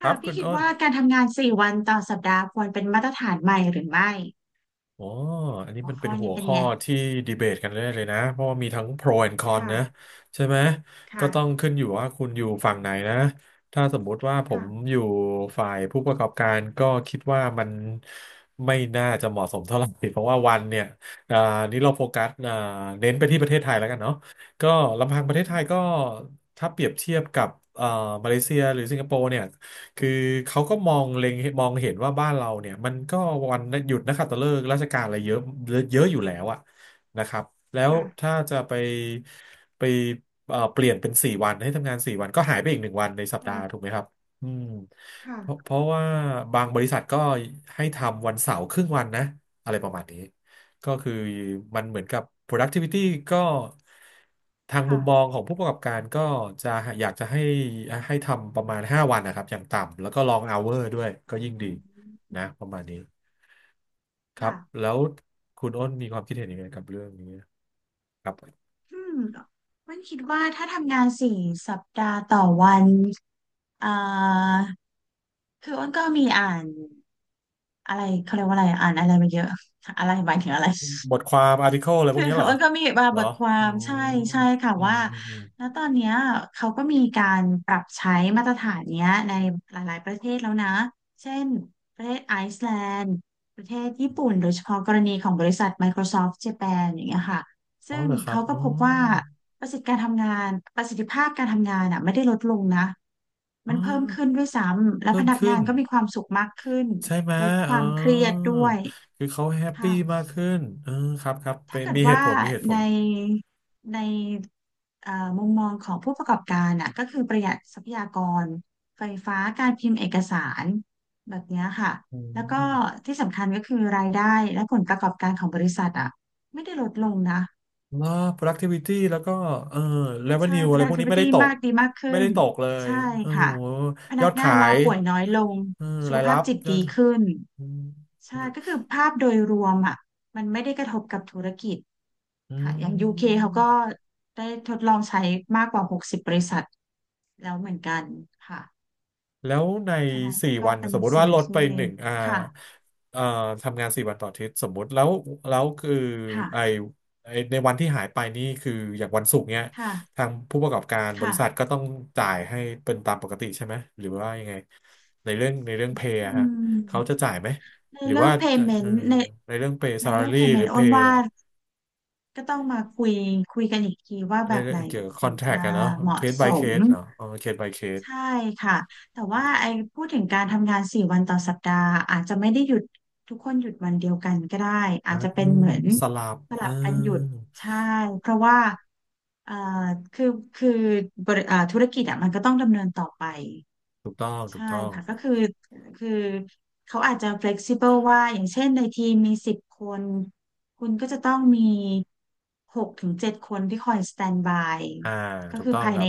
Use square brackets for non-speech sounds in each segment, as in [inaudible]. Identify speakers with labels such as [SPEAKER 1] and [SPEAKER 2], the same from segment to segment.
[SPEAKER 1] ครั
[SPEAKER 2] ค่ะ
[SPEAKER 1] บคุ
[SPEAKER 2] พี่
[SPEAKER 1] ณ
[SPEAKER 2] คิด
[SPEAKER 1] อ้น
[SPEAKER 2] ว่าการทำงาน4 วันต่อสัปดาห์ควรเป็นมาตรฐานใหม่หรือไม่
[SPEAKER 1] อ๋ออันนี้
[SPEAKER 2] หัว
[SPEAKER 1] มันเป็
[SPEAKER 2] ข้
[SPEAKER 1] น
[SPEAKER 2] อ
[SPEAKER 1] หั
[SPEAKER 2] นี้
[SPEAKER 1] ว
[SPEAKER 2] เป็น
[SPEAKER 1] ข้อ
[SPEAKER 2] ไง
[SPEAKER 1] ที่ดีเบตกันได้เลยนะเพราะว่ามีทั้ง pro and con นะ
[SPEAKER 2] ค่ะ
[SPEAKER 1] ใช่ไหมก็ต้อง
[SPEAKER 2] ค่ะ
[SPEAKER 1] ขึ้นอยู่ว่าคุณอยู่ฝั่งไหนนะถ้าสมมุติว่าผม
[SPEAKER 2] ค่ะ
[SPEAKER 1] อยู่ฝ่ายผู้ประกอบการก็คิดว่ามันไม่น่าจะเหมาะสมเท่าไหร่เพราะว่าวันเนี่ยอ่านี้เราโฟกัสเน้นไปที่ประเทศไทยแล้วกันเนาะก็ลำพังประเทศไทย
[SPEAKER 2] ค่ะ
[SPEAKER 1] ก็ถ้าเปรียบเทียบกับเอ่อมาเลเซียหรือสิงคโปร์เนี่ย คือเขาก็มองเห็นว่าบ้านเราเนี่ยมันก็วันหยุดนักขัตฤกษ์ราชการอะไรเยอะเยอะอยู่แล้วอะนะครับแล้ว
[SPEAKER 2] ค่ะ
[SPEAKER 1] ถ้าจะไปเปลี่ยนเป็นสี่วันให้ทำงานสี่วันก็หายไปอีกหนึ่งวันในสัปดาห์ถู
[SPEAKER 2] ค
[SPEAKER 1] กไหมครับอืม
[SPEAKER 2] ่ะ
[SPEAKER 1] เพราะว่าบางบริษัทก็ให้ทำวันเสาร์ครึ่งวันนะอะไรประมาณนี้ ก็คือมันเหมือนกับ productivity ก็ทางมุ
[SPEAKER 2] ค่ะ
[SPEAKER 1] มมองของผู้ประกอบการก็จะอยากจะให้ทำประมาณ5วันนะครับอย่างต่ำแล้วก็ long hour ด้วยก็ยิ่ง
[SPEAKER 2] อื
[SPEAKER 1] ดี
[SPEAKER 2] ม
[SPEAKER 1] นะประมาณนี้ครับ
[SPEAKER 2] ค่ะ
[SPEAKER 1] แล้วคุณอ้นมีความคิดเห็นยังไงกับเรื่องนี้ครับ
[SPEAKER 2] อืมมันคิดว่าถ้าทำงาน4 สัปดาห์ต่อวันอ่าคืออ้นก็มีอ่านอะไรเขาเรียกว่าอะไรอ่านอะไรมาเยอะอะไรหมายถึงอะไร
[SPEAKER 1] บทความ article อะไร
[SPEAKER 2] [laughs]
[SPEAKER 1] พว
[SPEAKER 2] คื
[SPEAKER 1] ก
[SPEAKER 2] อ
[SPEAKER 1] นี้เหรอ
[SPEAKER 2] อ้นก็มีมา
[SPEAKER 1] เหร
[SPEAKER 2] บ
[SPEAKER 1] อ
[SPEAKER 2] ทควา
[SPEAKER 1] อื
[SPEAKER 2] มใช่
[SPEAKER 1] ม
[SPEAKER 2] ใช่ค่ะ
[SPEAKER 1] อืม
[SPEAKER 2] ว่า
[SPEAKER 1] อืมอม
[SPEAKER 2] แล้วตอนเนี้ยเขาก็มีการปรับใช้มาตรฐานเนี้ยในหลายๆประเทศแล้วนะเช่นประเทศไอซ์แลนด์ประเทศญี่ปุ่นโดยเฉพาะกรณีของบริษัท Microsoft Japan อย่างเงี้ยค่ะ
[SPEAKER 1] อ๋อ
[SPEAKER 2] ซึ่ง
[SPEAKER 1] เหรอครับ
[SPEAKER 2] เขาก็พบว่าประสิทธิการทำงานประสิทธิภาพการทำงานอ่ะไม่ได้ลดลงนะ
[SPEAKER 1] อ๋
[SPEAKER 2] มั
[SPEAKER 1] อ
[SPEAKER 2] นเพิ่มขึ้นด้วยซ้ำและ
[SPEAKER 1] เพิ่
[SPEAKER 2] พ
[SPEAKER 1] ม
[SPEAKER 2] นัก
[SPEAKER 1] ขึ้
[SPEAKER 2] งา
[SPEAKER 1] น
[SPEAKER 2] นก็มีความสุขมากขึ้น
[SPEAKER 1] ใช่ไหม
[SPEAKER 2] ลดค
[SPEAKER 1] เอ
[SPEAKER 2] วามเครียด
[SPEAKER 1] อ
[SPEAKER 2] ด้วย
[SPEAKER 1] คือเขาแฮปปี้
[SPEAKER 2] ค่ะ
[SPEAKER 1] มากขึ้นเออครับครับ
[SPEAKER 2] ถ้า
[SPEAKER 1] เป็น
[SPEAKER 2] เกิด
[SPEAKER 1] มีเห
[SPEAKER 2] ว่า
[SPEAKER 1] ตุผลมีเหตุผ
[SPEAKER 2] ใน
[SPEAKER 1] ล
[SPEAKER 2] ในเอ่อมุมมองของผู้ประกอบการอ่ะก็คือประหยัดทรัพยากรไฟฟ้าการพิมพ์เอกสารแบบเนี้ยค่ะ
[SPEAKER 1] อื
[SPEAKER 2] แล้วก็
[SPEAKER 1] ม
[SPEAKER 2] ที่สำคัญก็คือรายได้และผลประกอบการของบริษัทอ่ะไม่ได้ลดลงนะ
[SPEAKER 1] แล้ว productivity แล้วก็เออ
[SPEAKER 2] ใช่
[SPEAKER 1] revenue อะไรพวกนี้ไม่
[SPEAKER 2] productivity
[SPEAKER 1] ได้ตก
[SPEAKER 2] มากดีมาก
[SPEAKER 1] ไม่
[SPEAKER 2] ขึ้
[SPEAKER 1] ได้
[SPEAKER 2] น
[SPEAKER 1] ตกเลย
[SPEAKER 2] ใช่
[SPEAKER 1] โอ้
[SPEAKER 2] ค่ะ
[SPEAKER 1] โห
[SPEAKER 2] พ
[SPEAKER 1] ย
[SPEAKER 2] นั
[SPEAKER 1] อ
[SPEAKER 2] ก
[SPEAKER 1] ด
[SPEAKER 2] งา
[SPEAKER 1] ขา
[SPEAKER 2] นลา
[SPEAKER 1] ย
[SPEAKER 2] ป่วยน้อยลง
[SPEAKER 1] เออ
[SPEAKER 2] สุ
[SPEAKER 1] รา
[SPEAKER 2] ข
[SPEAKER 1] ย
[SPEAKER 2] ภา
[SPEAKER 1] รั
[SPEAKER 2] พ
[SPEAKER 1] บ
[SPEAKER 2] จิต
[SPEAKER 1] ยอด
[SPEAKER 2] ดีขึ้น
[SPEAKER 1] อืม
[SPEAKER 2] ใช่ก็คือภาพโดยรวมอ่ะมันไม่ได้กระทบกับธุรกิจ
[SPEAKER 1] อื
[SPEAKER 2] ค่ะอย่าง UK เคเขาก็
[SPEAKER 1] ม
[SPEAKER 2] ได้ทดลองใช้มากกว่า60บริษัทแล้วเหมือนกันค่ะ
[SPEAKER 1] แล้วใน
[SPEAKER 2] ฉะนั้น
[SPEAKER 1] สี่
[SPEAKER 2] ก็
[SPEAKER 1] วันเนี่
[SPEAKER 2] เป็
[SPEAKER 1] ย
[SPEAKER 2] น
[SPEAKER 1] สมมติว่า
[SPEAKER 2] สิ่ง
[SPEAKER 1] ลดไป
[SPEAKER 2] ที่
[SPEAKER 1] หนึ่ง
[SPEAKER 2] ค่ะ
[SPEAKER 1] เอ่อทำงานสี่วันต่ออาทิตย์สมมติแล้วแล้วคือไอ
[SPEAKER 2] ค่ะ
[SPEAKER 1] ไอ้ในวันที่หายไปนี่คืออย่างวันศุกร์เนี่ย
[SPEAKER 2] ค่ะ
[SPEAKER 1] ทางผู้ประกอบการบริ
[SPEAKER 2] ค่ะ
[SPEAKER 1] ษัทก็ต้องจ่ายให้เป็นตามปกติใช่ไหมหรือว่ายังไงในเรื่องเพย์
[SPEAKER 2] อื
[SPEAKER 1] ฮะเขาจะ
[SPEAKER 2] ม
[SPEAKER 1] จ่ายไหม
[SPEAKER 2] ใน
[SPEAKER 1] หรือ
[SPEAKER 2] เรื่อ
[SPEAKER 1] ว่า
[SPEAKER 2] ง
[SPEAKER 1] เออ
[SPEAKER 2] payment ใน
[SPEAKER 1] ในเรื่องเพย์
[SPEAKER 2] ใน
[SPEAKER 1] ซา a า
[SPEAKER 2] เรื่อง
[SPEAKER 1] y หรือ
[SPEAKER 2] payment
[SPEAKER 1] เพ
[SPEAKER 2] อ้น
[SPEAKER 1] ย์
[SPEAKER 2] ว่า ก็ต้องมาคุยกันอีกทีว่า
[SPEAKER 1] ใน
[SPEAKER 2] แบบ
[SPEAKER 1] เรื่
[SPEAKER 2] ไห
[SPEAKER 1] อง
[SPEAKER 2] น
[SPEAKER 1] เกี่ยวกับค
[SPEAKER 2] ถึ
[SPEAKER 1] อ
[SPEAKER 2] ง
[SPEAKER 1] นแท
[SPEAKER 2] จะ
[SPEAKER 1] คกัะเนาะ
[SPEAKER 2] เห
[SPEAKER 1] เค
[SPEAKER 2] มาะ
[SPEAKER 1] ส
[SPEAKER 2] ส
[SPEAKER 1] by เค
[SPEAKER 2] ม
[SPEAKER 1] สเนาะเคส by เคส
[SPEAKER 2] ใช่ค่ะแต่ว่าไอ้พูดถึงการทำงานสี่วันต่อสัปดาห์อาจจะไม่ได้หยุดทุกคนหยุดวันเดียวกันก็ได้อาจจะเป็นเหมือน
[SPEAKER 1] สลับ
[SPEAKER 2] ส
[SPEAKER 1] เอ
[SPEAKER 2] ลั
[SPEAKER 1] อ
[SPEAKER 2] บกันหยุดใช่เพราะว่าเอ่อคือคือบริเอ่อธุรกิจอ่ะมันก็ต้องดำเนินต่อไป
[SPEAKER 1] ถูกต้องถู
[SPEAKER 2] ใช่
[SPEAKER 1] กต้อง
[SPEAKER 2] ค่ะก็คือคือเขาอาจจะ flexible ว่าอย่างเช่นในทีมมี10 คนคุณก็จะต้องมี6 ถึง 7 คนที่คอย stand by
[SPEAKER 1] อ่า
[SPEAKER 2] ก็
[SPEAKER 1] ถูก
[SPEAKER 2] คือ
[SPEAKER 1] ต้อง
[SPEAKER 2] ภาย
[SPEAKER 1] ครั
[SPEAKER 2] ใน
[SPEAKER 1] บ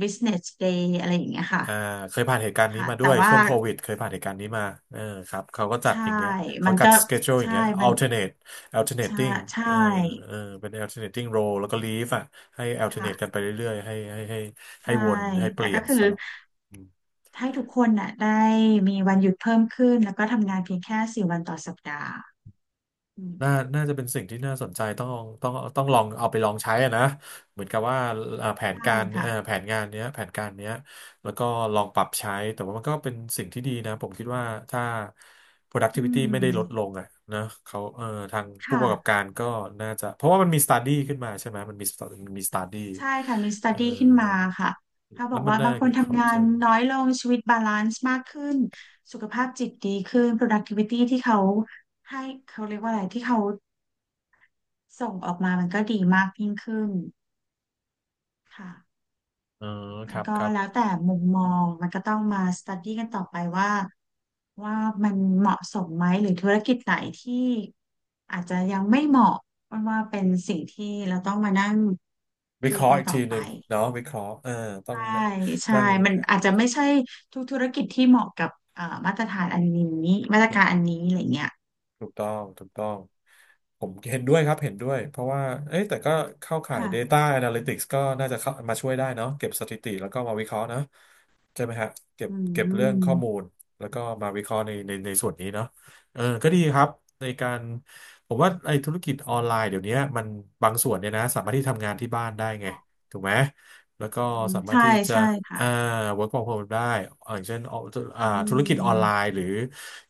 [SPEAKER 2] business day อะไรอย่างเงี้ยค่ะ
[SPEAKER 1] อ่าเคยผ่านเหตุการณ์นี้
[SPEAKER 2] ค่ะ
[SPEAKER 1] มาด้ว
[SPEAKER 2] แต่
[SPEAKER 1] ย
[SPEAKER 2] ว่า
[SPEAKER 1] ช่วงโควิดเคยผ่านเหตุการณ์นี้มาเออครับเขาก็จัด
[SPEAKER 2] ใช่
[SPEAKER 1] อย่างเงี้ยเขา
[SPEAKER 2] มัน
[SPEAKER 1] กั
[SPEAKER 2] ก็
[SPEAKER 1] ดสเกจ u l e อย่าง
[SPEAKER 2] ใช่
[SPEAKER 1] เงี้ย
[SPEAKER 2] มัน
[SPEAKER 1] alternate
[SPEAKER 2] ใช่
[SPEAKER 1] alternating
[SPEAKER 2] ใช่
[SPEAKER 1] เออเออเป็น alternating role แล้วก็ leave อ่ะให้ alternate กัน
[SPEAKER 2] ค่ะ
[SPEAKER 1] ไปเรื่อยๆให้ให้
[SPEAKER 2] ใช่
[SPEAKER 1] วนให้เป
[SPEAKER 2] แต่
[SPEAKER 1] ลี่ย
[SPEAKER 2] ก็
[SPEAKER 1] น
[SPEAKER 2] คือ
[SPEAKER 1] สลับ
[SPEAKER 2] ให้ทุกคนน่ะได้มีวันหยุดเพิ่มขึ้นแล้วก็ทำงานเพียงแค่สี่วันต่อสัปดาห์อื
[SPEAKER 1] น่า
[SPEAKER 2] ม
[SPEAKER 1] น่าจะเป็นสิ่งที่น่าสนใจต้องลองเอาไปลองใช้อะนะเหมือนกับว่าแผน
[SPEAKER 2] ใช่
[SPEAKER 1] การ
[SPEAKER 2] ค่ะ
[SPEAKER 1] แผนงานเนี้ยแผนการเนี้ยแล้วก็ลองปรับใช้แต่ว่ามันก็เป็นสิ่งที่ดีนะผมคิดว่าถ้า
[SPEAKER 2] อื
[SPEAKER 1] productivity ไม่ได้ลดล
[SPEAKER 2] ม
[SPEAKER 1] งอ่ะนะเขาทางผู้ป
[SPEAKER 2] ค่ะ
[SPEAKER 1] ระกอบการก็น่าจะเพราะว่ามันมี study ขึ้นมาใช่ไหมมันมี มันมี study
[SPEAKER 2] ใช่ค่ะมีสต u
[SPEAKER 1] เอ่อ
[SPEAKER 2] d ีขึ้นมาค่ะถ้าบ
[SPEAKER 1] แล้
[SPEAKER 2] อ
[SPEAKER 1] ว
[SPEAKER 2] ก
[SPEAKER 1] มัน
[SPEAKER 2] ว่า
[SPEAKER 1] ได้
[SPEAKER 2] บางค
[SPEAKER 1] เกี่
[SPEAKER 2] น
[SPEAKER 1] ยวกับ
[SPEAKER 2] ทำงาน
[SPEAKER 1] culture
[SPEAKER 2] น้อยลงชีวิตบาลานซ์มากขึ้นสุขภาพจิตดีขึ้น productivity ที่เขาให้เขาเรียกว่าอะไรที่เขาส่งออกมามันก็ดีมากยิ่งขึ้นค่ะ
[SPEAKER 1] อ๋อค
[SPEAKER 2] มัน
[SPEAKER 1] รับ
[SPEAKER 2] ก็
[SPEAKER 1] ครับ
[SPEAKER 2] แล้วแต่มุมมองมันก็ต้องมาสต u d ีกันต่อไปว่าว่ามันเหมาะสมไหมหรือธุรกิจไหนที่อาจจะยังไม่เหมาะเพราะว่าเป็นสิ่งที่เราต้องมานั่ง
[SPEAKER 1] วิ
[SPEAKER 2] ดู
[SPEAKER 1] เคราะห์
[SPEAKER 2] กัน
[SPEAKER 1] อีก
[SPEAKER 2] ต่อ
[SPEAKER 1] ทีห
[SPEAKER 2] ไป
[SPEAKER 1] นึ่งเนาะวิเคราะห์เออต้อง
[SPEAKER 2] ใช่ใช่
[SPEAKER 1] นั่ง
[SPEAKER 2] มันอาจจะไม่ใช่ทุกธุรกิจที่เหมาะกับมาตรฐานอันนี้มาตรการอันนี้อะไรเงี้ย
[SPEAKER 1] ถูกต้อง ผมเห็นด้วยครับเห็นด้วยเพราะว่าเอ้ยแต่ก็เข้าข่าย
[SPEAKER 2] ค่ะ
[SPEAKER 1] Data Analytics ก็น่าจะเข้ามาช่วยได้เนาะเก็บสถิติแล้วก็มาวิเคราะห์นะใช่ไหมฮะเก็บ
[SPEAKER 2] อื
[SPEAKER 1] เก็บเรื่องข้อมู
[SPEAKER 2] ม
[SPEAKER 1] ลแล้วก็มาวิเคราะห์ในส่วนนี้เนาะเออก็ดีครับในการผมว่าไอ้ธุรกิจออนไลน์เดี๋ยวนี้มันบางส่วนเนี่ยนะสามารถที่ทำงานที่บ้านได้ไงถูกไหม แล้วก็
[SPEAKER 2] อืม
[SPEAKER 1] สามารถ
[SPEAKER 2] ใช่
[SPEAKER 1] ที่จะ
[SPEAKER 2] ใช่ค่ะ
[SPEAKER 1] อ่า work from home ได้ อย่างเช่น
[SPEAKER 2] อื
[SPEAKER 1] ธุรกิจออนไล
[SPEAKER 2] ม
[SPEAKER 1] น์หรือ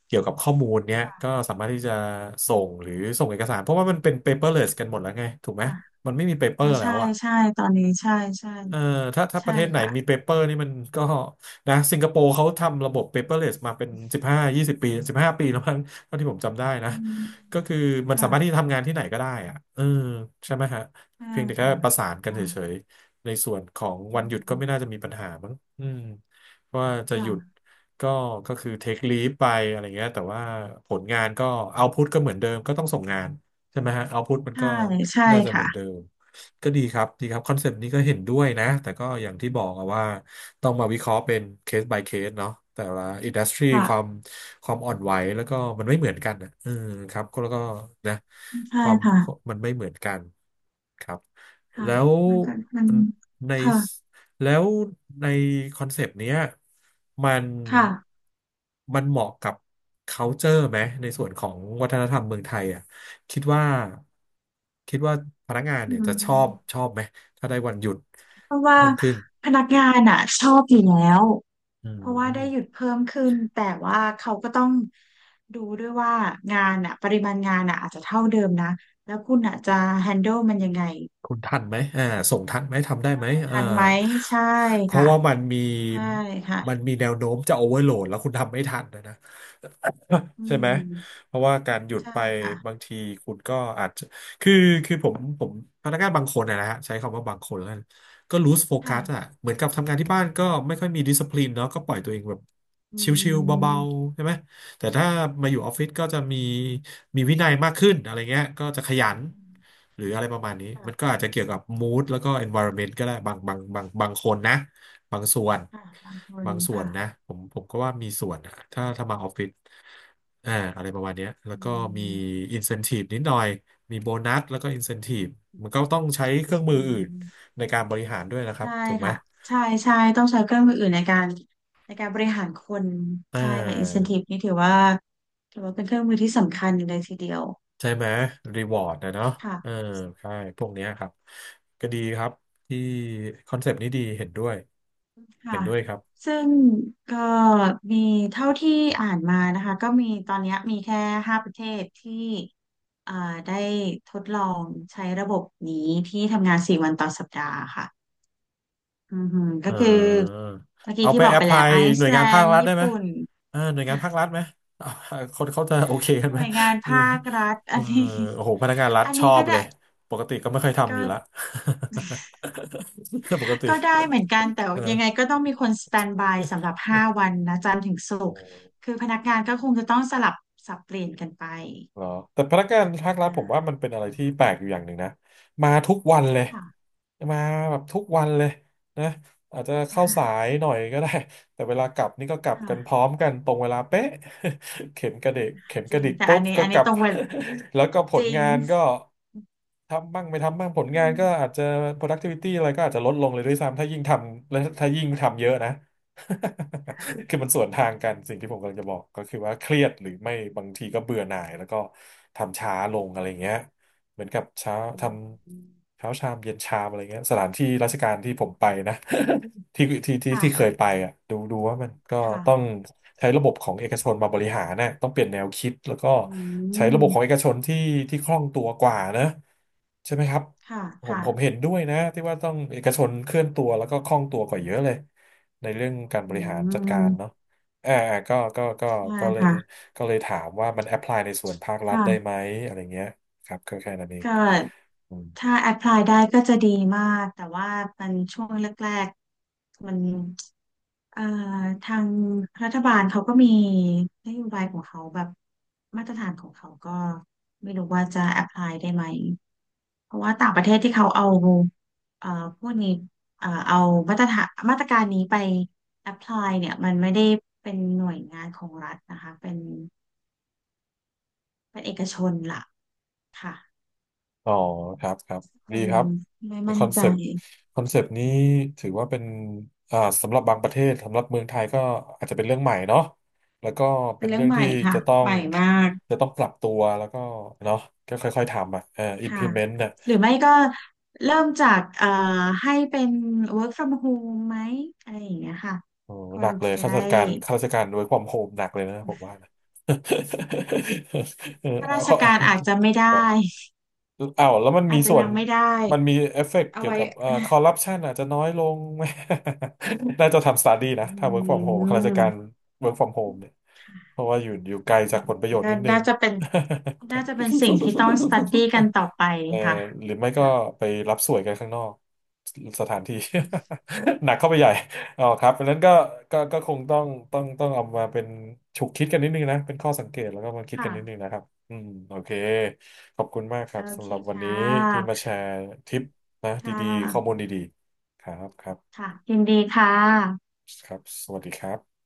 [SPEAKER 1] เกี่ยวกับข้อมูลเนี้ย
[SPEAKER 2] ค่ะ
[SPEAKER 1] ก็สามารถที่จะส่
[SPEAKER 2] อื
[SPEAKER 1] งหรือส่
[SPEAKER 2] ม
[SPEAKER 1] งเอกสารเพราะว่ามันเป็น paperless กันหมดแล้วไงถูกไหม
[SPEAKER 2] ค่ะ
[SPEAKER 1] มันไม่มี
[SPEAKER 2] อ๋อ
[SPEAKER 1] paper แล้
[SPEAKER 2] ใช่
[SPEAKER 1] วอะ
[SPEAKER 2] ใช่ตอนนี้ใช่ใช่
[SPEAKER 1] เออถ้าป
[SPEAKER 2] ใช่
[SPEAKER 1] ระเทศไหน
[SPEAKER 2] ค่ะ
[SPEAKER 1] มีเปเปอร์นี่มันก็นะสิงคโปร์เขาทำระบบ paperless มาเป็นสิบห้ายี่สิบปีสิบห้าปีแล้วมั้งเท่าที่ผมจำได้นะ
[SPEAKER 2] อืม
[SPEAKER 1] ก็คือมันสา
[SPEAKER 2] ค่ะ
[SPEAKER 1] มารถที่จะทำงานที่ไหนก็ได้อะเออใช่ไหมฮะ
[SPEAKER 2] ใช่
[SPEAKER 1] เพียงแต่แค่
[SPEAKER 2] ค่ะ
[SPEAKER 1] ประสานกัน
[SPEAKER 2] ค่ะ
[SPEAKER 1] เฉยๆในส่วนของ
[SPEAKER 2] อื
[SPEAKER 1] วันหยุดก็
[SPEAKER 2] ม
[SPEAKER 1] ไม่น่าจะมีปัญหามั้งอืมว่าจะห
[SPEAKER 2] ค่ะ
[SPEAKER 1] ยุดก็ก็คือ take leave ไปอะไรเงี้ยแต่ว่าผลงานก็ output ก็เหมือนเดิมก็ต้องส่งงานใช่ไหมฮะ output มัน
[SPEAKER 2] ใช่
[SPEAKER 1] ก็
[SPEAKER 2] ใช่
[SPEAKER 1] น่าจะเห
[SPEAKER 2] ค่ะ
[SPEAKER 1] มือนเดิม ก็ดีครับดีครับคอนเซปต์นี้ก็เห็นด้วยนะแต่ก็อย่างที่บอกอะว่าต้องมาวิเคราะห์เป็นเคส by เคสเนาะแต่ละอินดัสทรีความ
[SPEAKER 2] ค่ะ
[SPEAKER 1] ความอ่อนไหวแล้วก็มันไม่เหมือนกันอะเออครับก็แล้วก็นะ
[SPEAKER 2] ใช่
[SPEAKER 1] ความ
[SPEAKER 2] ค่ะ
[SPEAKER 1] มันไม่เหมือนกันครับ
[SPEAKER 2] ค่ะ
[SPEAKER 1] แล้ว
[SPEAKER 2] มันก็มัน
[SPEAKER 1] ใน
[SPEAKER 2] ค่ะ
[SPEAKER 1] แล้วในคอนเซปต์เนี้ยมัน
[SPEAKER 2] ค่ะ
[SPEAKER 1] มันเหมาะกับ culture ไหมในส่วนของวัฒนธรรมเมืองไทยอ่ะ คิดว่าคิดว่าพนักงาน
[SPEAKER 2] อื
[SPEAKER 1] เนี่ยจะ
[SPEAKER 2] ม
[SPEAKER 1] ชอบไหมถ้าได้วันหยุด
[SPEAKER 2] เพราะว่า
[SPEAKER 1] เพิ่มขึ้น
[SPEAKER 2] พนักงานอ่ะชอบอยู่แล้ว
[SPEAKER 1] อื
[SPEAKER 2] เพราะว่าได้หยุด
[SPEAKER 1] ม
[SPEAKER 2] เพิ่มขึ้นแต่ว่าเขาก็ต้องดูด้วยว่างานอ่ะปริมาณงานอ่ะอาจจะเท่าเดิมนะแล้วคุณอ่ะจะแฮน n d l ลมันยังไง
[SPEAKER 1] คุณทันไหมอ่าส่งทันไหม ทำได้ไหมอ่า
[SPEAKER 2] ทันไหมใช่
[SPEAKER 1] เพราะ
[SPEAKER 2] ค่ะ
[SPEAKER 1] ว่า
[SPEAKER 2] ใช่ค่ะ
[SPEAKER 1] มันมีแนวโน้มจะโอเวอร์โหลดแล้วคุณทำไม่ทันนะนะ
[SPEAKER 2] อื
[SPEAKER 1] [coughs] ใช่ไหม
[SPEAKER 2] ม
[SPEAKER 1] เพราะว่าการหยุด
[SPEAKER 2] ใช่
[SPEAKER 1] ไป
[SPEAKER 2] ค่ะ
[SPEAKER 1] บางทีคุณก็อาจจะ คือคือผมพนักงานบางคนนะนะฮะใช้คำว่าบางคนแล้วกันก็ loose
[SPEAKER 2] ค่ะ
[SPEAKER 1] focus อ่ะเหมือนกับทำงานที่บ้านก็ไม่ค่อยมี discipline เนาะก็ปล่อยตัวเองแบบ
[SPEAKER 2] อื
[SPEAKER 1] ชิวๆเบา
[SPEAKER 2] ม
[SPEAKER 1] ๆใช่ไหม แต่ถ้ามาอยู่ออฟฟิศก็จะมีวินัยมากขึ้นอะไรเงี้ยก็จะขยันหรืออะไรประมาณนี้มันก็
[SPEAKER 2] ค่ะ
[SPEAKER 1] อาจจะเกี่ยวกับ mood แล้วก็ environment ก็ได้บางคนนะบางส่วน
[SPEAKER 2] ค่ะบางคน
[SPEAKER 1] บางส่วน
[SPEAKER 2] ค่ะ
[SPEAKER 1] นะผมก็ว่ามีส่วนนะถ้ามาออฟฟิศอ่าอะไรประมาณเนี้ยแล้ว
[SPEAKER 2] อื
[SPEAKER 1] ก็มี
[SPEAKER 2] ม
[SPEAKER 1] incentive นิดหน่อยมีโบนัสแล้วก็ incentive มันก็ต้องใช้เครื่อง
[SPEAKER 2] อื
[SPEAKER 1] มืออื่น
[SPEAKER 2] ม
[SPEAKER 1] ในการบริหารด้วยนะครับ
[SPEAKER 2] ใช่
[SPEAKER 1] ถูกไหม
[SPEAKER 2] ค่ะใช่ใช่ต้องใช้เครื่องมืออื่นในการในการบริหารคน
[SPEAKER 1] อ่
[SPEAKER 2] ใช่ค่ะ
[SPEAKER 1] า
[SPEAKER 2] incentive นี่ถือว่าถือว่าเป็นเครื่องมือที่สำคัญเลยทีเดียว
[SPEAKER 1] ใช่ไหมรีวอร์ดนะเนาะเออ
[SPEAKER 2] ค่ะ
[SPEAKER 1] ใช่พวกเนี้ยครับก็ดีครับที่คอนเซปต์นี้ดีเห็นด้วยเห็
[SPEAKER 2] ค่ะ
[SPEAKER 1] นด้วยครับ
[SPEAKER 2] ซึ่งก็มีเท่าที่อ่านมานะคะก็มีตอนเนี้ยมีแค่5 ประเทศที่อ่าได้ทดลองใช้ระบบนี้ที่ทำงานสี่วันต่อสัปดาห์ค่ะอือหือก็
[SPEAKER 1] เอ
[SPEAKER 2] คือ
[SPEAKER 1] อ
[SPEAKER 2] เมื่อกี้
[SPEAKER 1] เอาไป
[SPEAKER 2] ที่บอ
[SPEAKER 1] แอ
[SPEAKER 2] ก
[SPEAKER 1] พ
[SPEAKER 2] ไป
[SPEAKER 1] พ
[SPEAKER 2] แล้
[SPEAKER 1] ลา
[SPEAKER 2] ว
[SPEAKER 1] ย
[SPEAKER 2] ไอ
[SPEAKER 1] หน่ว
[SPEAKER 2] ซ์
[SPEAKER 1] ย
[SPEAKER 2] แล
[SPEAKER 1] งานภา
[SPEAKER 2] น
[SPEAKER 1] ค
[SPEAKER 2] ด์
[SPEAKER 1] รัฐได้
[SPEAKER 2] ญี่
[SPEAKER 1] ไหม
[SPEAKER 2] ปุ่น
[SPEAKER 1] เออหน่วยงานภาครัฐไหมเอา [laughs] คนเขาจะโอเคกั
[SPEAKER 2] ห
[SPEAKER 1] น
[SPEAKER 2] น่
[SPEAKER 1] ไหม
[SPEAKER 2] วยงาน
[SPEAKER 1] เออ
[SPEAKER 2] ภาครัฐ [laughs]
[SPEAKER 1] เอ
[SPEAKER 2] อั
[SPEAKER 1] อ
[SPEAKER 2] นนี้ [laughs]
[SPEAKER 1] โอ้โหพนักงานรัฐ
[SPEAKER 2] อัน
[SPEAKER 1] ชอ
[SPEAKER 2] นี้ก็
[SPEAKER 1] บเล
[SPEAKER 2] ได้
[SPEAKER 1] ยปกติก็ไม่เคยทำอ
[SPEAKER 2] ก็
[SPEAKER 1] ยู่ละ [laughs] ปกติ
[SPEAKER 2] ก็ได้เหมือนกันแต่
[SPEAKER 1] เอ
[SPEAKER 2] ยัง
[SPEAKER 1] อ
[SPEAKER 2] ไงก็ต้องมีคนสแตนบายสำหรับ5 วันนะจันทร์ถึงศุ
[SPEAKER 1] โอ
[SPEAKER 2] กร์
[SPEAKER 1] ้
[SPEAKER 2] คือพนักงานก็คงจะต้องสลับสับเปลี่ยนกันไป
[SPEAKER 1] เหรอแต่พนักงานภาค
[SPEAKER 2] อ่
[SPEAKER 1] รัฐผมว่ามัน
[SPEAKER 2] า
[SPEAKER 1] เป็นอะไรที่แปลกอยู่อย่างหนึ่งนะมาทุกวันเลย
[SPEAKER 2] ค่ะ
[SPEAKER 1] มาแบบทุกวันเลยนะอาจจะเข้าสา
[SPEAKER 2] ค่ะ
[SPEAKER 1] ยหน่อยก็ได้แต่เวลากลับนี่ก็กลับ
[SPEAKER 2] ค่ะ
[SPEAKER 1] กันพร้อมกันตรงเวลาเป๊ะ [laughs] เข็มกระเดกเข็ม
[SPEAKER 2] จ
[SPEAKER 1] ก
[SPEAKER 2] ริ
[SPEAKER 1] ระ
[SPEAKER 2] ง
[SPEAKER 1] ดิก
[SPEAKER 2] แต่
[SPEAKER 1] ปุ๊
[SPEAKER 2] อัน
[SPEAKER 1] บ
[SPEAKER 2] นี้
[SPEAKER 1] ก็
[SPEAKER 2] อัน
[SPEAKER 1] ก
[SPEAKER 2] นี้
[SPEAKER 1] ลับ
[SPEAKER 2] ตรงเวลา
[SPEAKER 1] [laughs] แล้วก็ผ
[SPEAKER 2] จ
[SPEAKER 1] ล
[SPEAKER 2] ริง
[SPEAKER 1] งานก็ทำบ้างไม่ทำบ้างผล
[SPEAKER 2] อื
[SPEAKER 1] งาน
[SPEAKER 2] ม
[SPEAKER 1] ก็อาจจะ productivity อะไรก็อาจจะลดลงเลยด้วยซ้ำถ้ายิ่งทำและถ้ายิ่งทำเยอะนะ
[SPEAKER 2] ค่ะ
[SPEAKER 1] [laughs] คือมันสวนทางกันสิ่งที่ผมกำลังจะบอกก็คือว่าเครียดหรือไม่บางทีก็เบื่อหน่ายแล้วก็ทำช้าลงอะไรเงี้ยเหมือนกับเช้า
[SPEAKER 2] อื
[SPEAKER 1] ท
[SPEAKER 2] ม
[SPEAKER 1] ำเช้าชามเย็นชามอะไรเงี้ยสถานที่ราชการที่ผมไปนะ [laughs]
[SPEAKER 2] ค่ะ
[SPEAKER 1] ที่เค
[SPEAKER 2] ค่ะ
[SPEAKER 1] ยไปอ่ะดูว่ามันก็ต้อง
[SPEAKER 2] ค่ะ
[SPEAKER 1] ใช้ระบบของเอกชนมาบริหารนะต้องเปลี่ยนแนวคิดแล้วก็
[SPEAKER 2] อื
[SPEAKER 1] ใช้ระบบของเอ
[SPEAKER 2] ม
[SPEAKER 1] กชนที่คล่องตัวกว่านะใช่ไหมครับ
[SPEAKER 2] ค่ะ
[SPEAKER 1] ผม
[SPEAKER 2] ค่ะ
[SPEAKER 1] ผมเห็นด้วยนะที่ว่าต้องเอกชนเคลื่อนตัวแล้วก็คล่องตัวกว่าเยอะเลย ในเรื่องการ
[SPEAKER 2] อื
[SPEAKER 1] บริหารจัดการเนาะ
[SPEAKER 2] ม
[SPEAKER 1] อ่าอ่าก็ก็
[SPEAKER 2] ใช่
[SPEAKER 1] ก็เลย
[SPEAKER 2] ค่ะ
[SPEAKER 1] ถามว่ามันแอพพลายในส่วนภาครัฐได้ไห
[SPEAKER 2] ค่ะ
[SPEAKER 1] มอะไรเงี้ยครับก็แค่นั้นเอง
[SPEAKER 2] ก็
[SPEAKER 1] อืม
[SPEAKER 2] ถ้าแอพพลายได้ก็จะดีมากแต่ว่ามันช่วงแรกๆมันเอ่อทางรัฐบาลเขาก็มีนโยบายของเขาแบบมาตรฐานของเขาก็ไม่รู้ว่าจะแอพพลายได้ไหมเพราะว่าต่างประเทศที่เขาเอาเอ่อพวกนี้เอามาตรฐานมาตรการนี้ไปแอพพลายเนี่ยมันไม่ได้เป็นหน่วยงานของรัฐนะคะเป็นเป็นเอกชนล่ะค่ะ
[SPEAKER 1] อ๋อครับครับ
[SPEAKER 2] ค
[SPEAKER 1] ดี
[SPEAKER 2] ง
[SPEAKER 1] ครับ
[SPEAKER 2] ไม่
[SPEAKER 1] ค
[SPEAKER 2] มั่น
[SPEAKER 1] อน
[SPEAKER 2] ใจ
[SPEAKER 1] เซปต์คอนเซปต์นี้ถือว่าเป็นอ่าสำหรับบางประเทศสำหรับเมืองไทยก็อาจจะเป็นเรื่องใหม่เนาะแล้วก็
[SPEAKER 2] เป็
[SPEAKER 1] เป็
[SPEAKER 2] น
[SPEAKER 1] น
[SPEAKER 2] เรื่อ
[SPEAKER 1] เรื่
[SPEAKER 2] ง
[SPEAKER 1] อง
[SPEAKER 2] ให
[SPEAKER 1] ที่
[SPEAKER 2] ม่ค่ะ
[SPEAKER 1] จะต้อ
[SPEAKER 2] ให
[SPEAKER 1] ง
[SPEAKER 2] ม่มาก
[SPEAKER 1] จะต้องปรับตัวแล้วก็เนาะก็ค่อยๆทำอ่ะ
[SPEAKER 2] ค่ะ
[SPEAKER 1] implement น่ะ
[SPEAKER 2] หรือไม่ก็เริ่มจากให้เป็น work from home ไหมอะไรอย่างเงี้ยค่ะ
[SPEAKER 1] โอ้
[SPEAKER 2] ค
[SPEAKER 1] หนั
[SPEAKER 2] น
[SPEAKER 1] กเลย
[SPEAKER 2] จะได้
[SPEAKER 1] ข้าราชการ work from home หนักเลยนะผมว่านะ [laughs] เออ [laughs]
[SPEAKER 2] ข้า
[SPEAKER 1] เอา
[SPEAKER 2] ราช
[SPEAKER 1] เขาเอา
[SPEAKER 2] การอาจจะไม่ได้
[SPEAKER 1] อ้าวแล้วมัน
[SPEAKER 2] อา
[SPEAKER 1] มี
[SPEAKER 2] จจะ
[SPEAKER 1] ส่ว
[SPEAKER 2] ยั
[SPEAKER 1] น
[SPEAKER 2] งไม่ได้
[SPEAKER 1] มันมีเอฟเฟกต์
[SPEAKER 2] เอา
[SPEAKER 1] เกี่ยว
[SPEAKER 2] ไว้
[SPEAKER 1] กับคอร์รัปชันอาจจะน้อยลง [laughs] ไหม [laughs] น่าจะทำสตาร์ดี้นะ
[SPEAKER 2] อื
[SPEAKER 1] ถ้า work from home ข้าราชกา
[SPEAKER 2] ม
[SPEAKER 1] ร work from home เนี่ยเพ
[SPEAKER 2] ค่ะ
[SPEAKER 1] ราะว่าอยู่ไกล
[SPEAKER 2] อั
[SPEAKER 1] จา
[SPEAKER 2] น
[SPEAKER 1] ก
[SPEAKER 2] น
[SPEAKER 1] ผลประ
[SPEAKER 2] ี้
[SPEAKER 1] โยชน์
[SPEAKER 2] ก็
[SPEAKER 1] นิดนึง
[SPEAKER 2] น่าจะเป็นน่าจะเป็นสิ่งที่ต้อง study
[SPEAKER 1] [laughs]
[SPEAKER 2] กันต่อไป
[SPEAKER 1] เออ
[SPEAKER 2] ค่ะ
[SPEAKER 1] หรือไม่ก็
[SPEAKER 2] ค่ะ
[SPEAKER 1] ไปรับสวยกันข้างนอกสถานที่ [laughs] หนักเข้าไปใหญ่อ๋อครับเพราะฉะนั้นก็ก็คงต้องเอามาเป็นฉุกคิดกันนิดนึงนะเป็นข้อสังเกตแล้วก็มาคิดกันนิดนึง
[SPEAKER 2] ค่ะ
[SPEAKER 1] นะครับอืมโอเคขอบคุณมากครั
[SPEAKER 2] โอ
[SPEAKER 1] บ
[SPEAKER 2] เค
[SPEAKER 1] สำหรับวัน
[SPEAKER 2] ค่
[SPEAKER 1] นี้ที่
[SPEAKER 2] ะ
[SPEAKER 1] มาแชร์ทิปนะ
[SPEAKER 2] ค่ะ
[SPEAKER 1] ดีๆข้อมูลดีๆ
[SPEAKER 2] ค่ะยินดีค่ะ
[SPEAKER 1] ครับสวัสดีครับ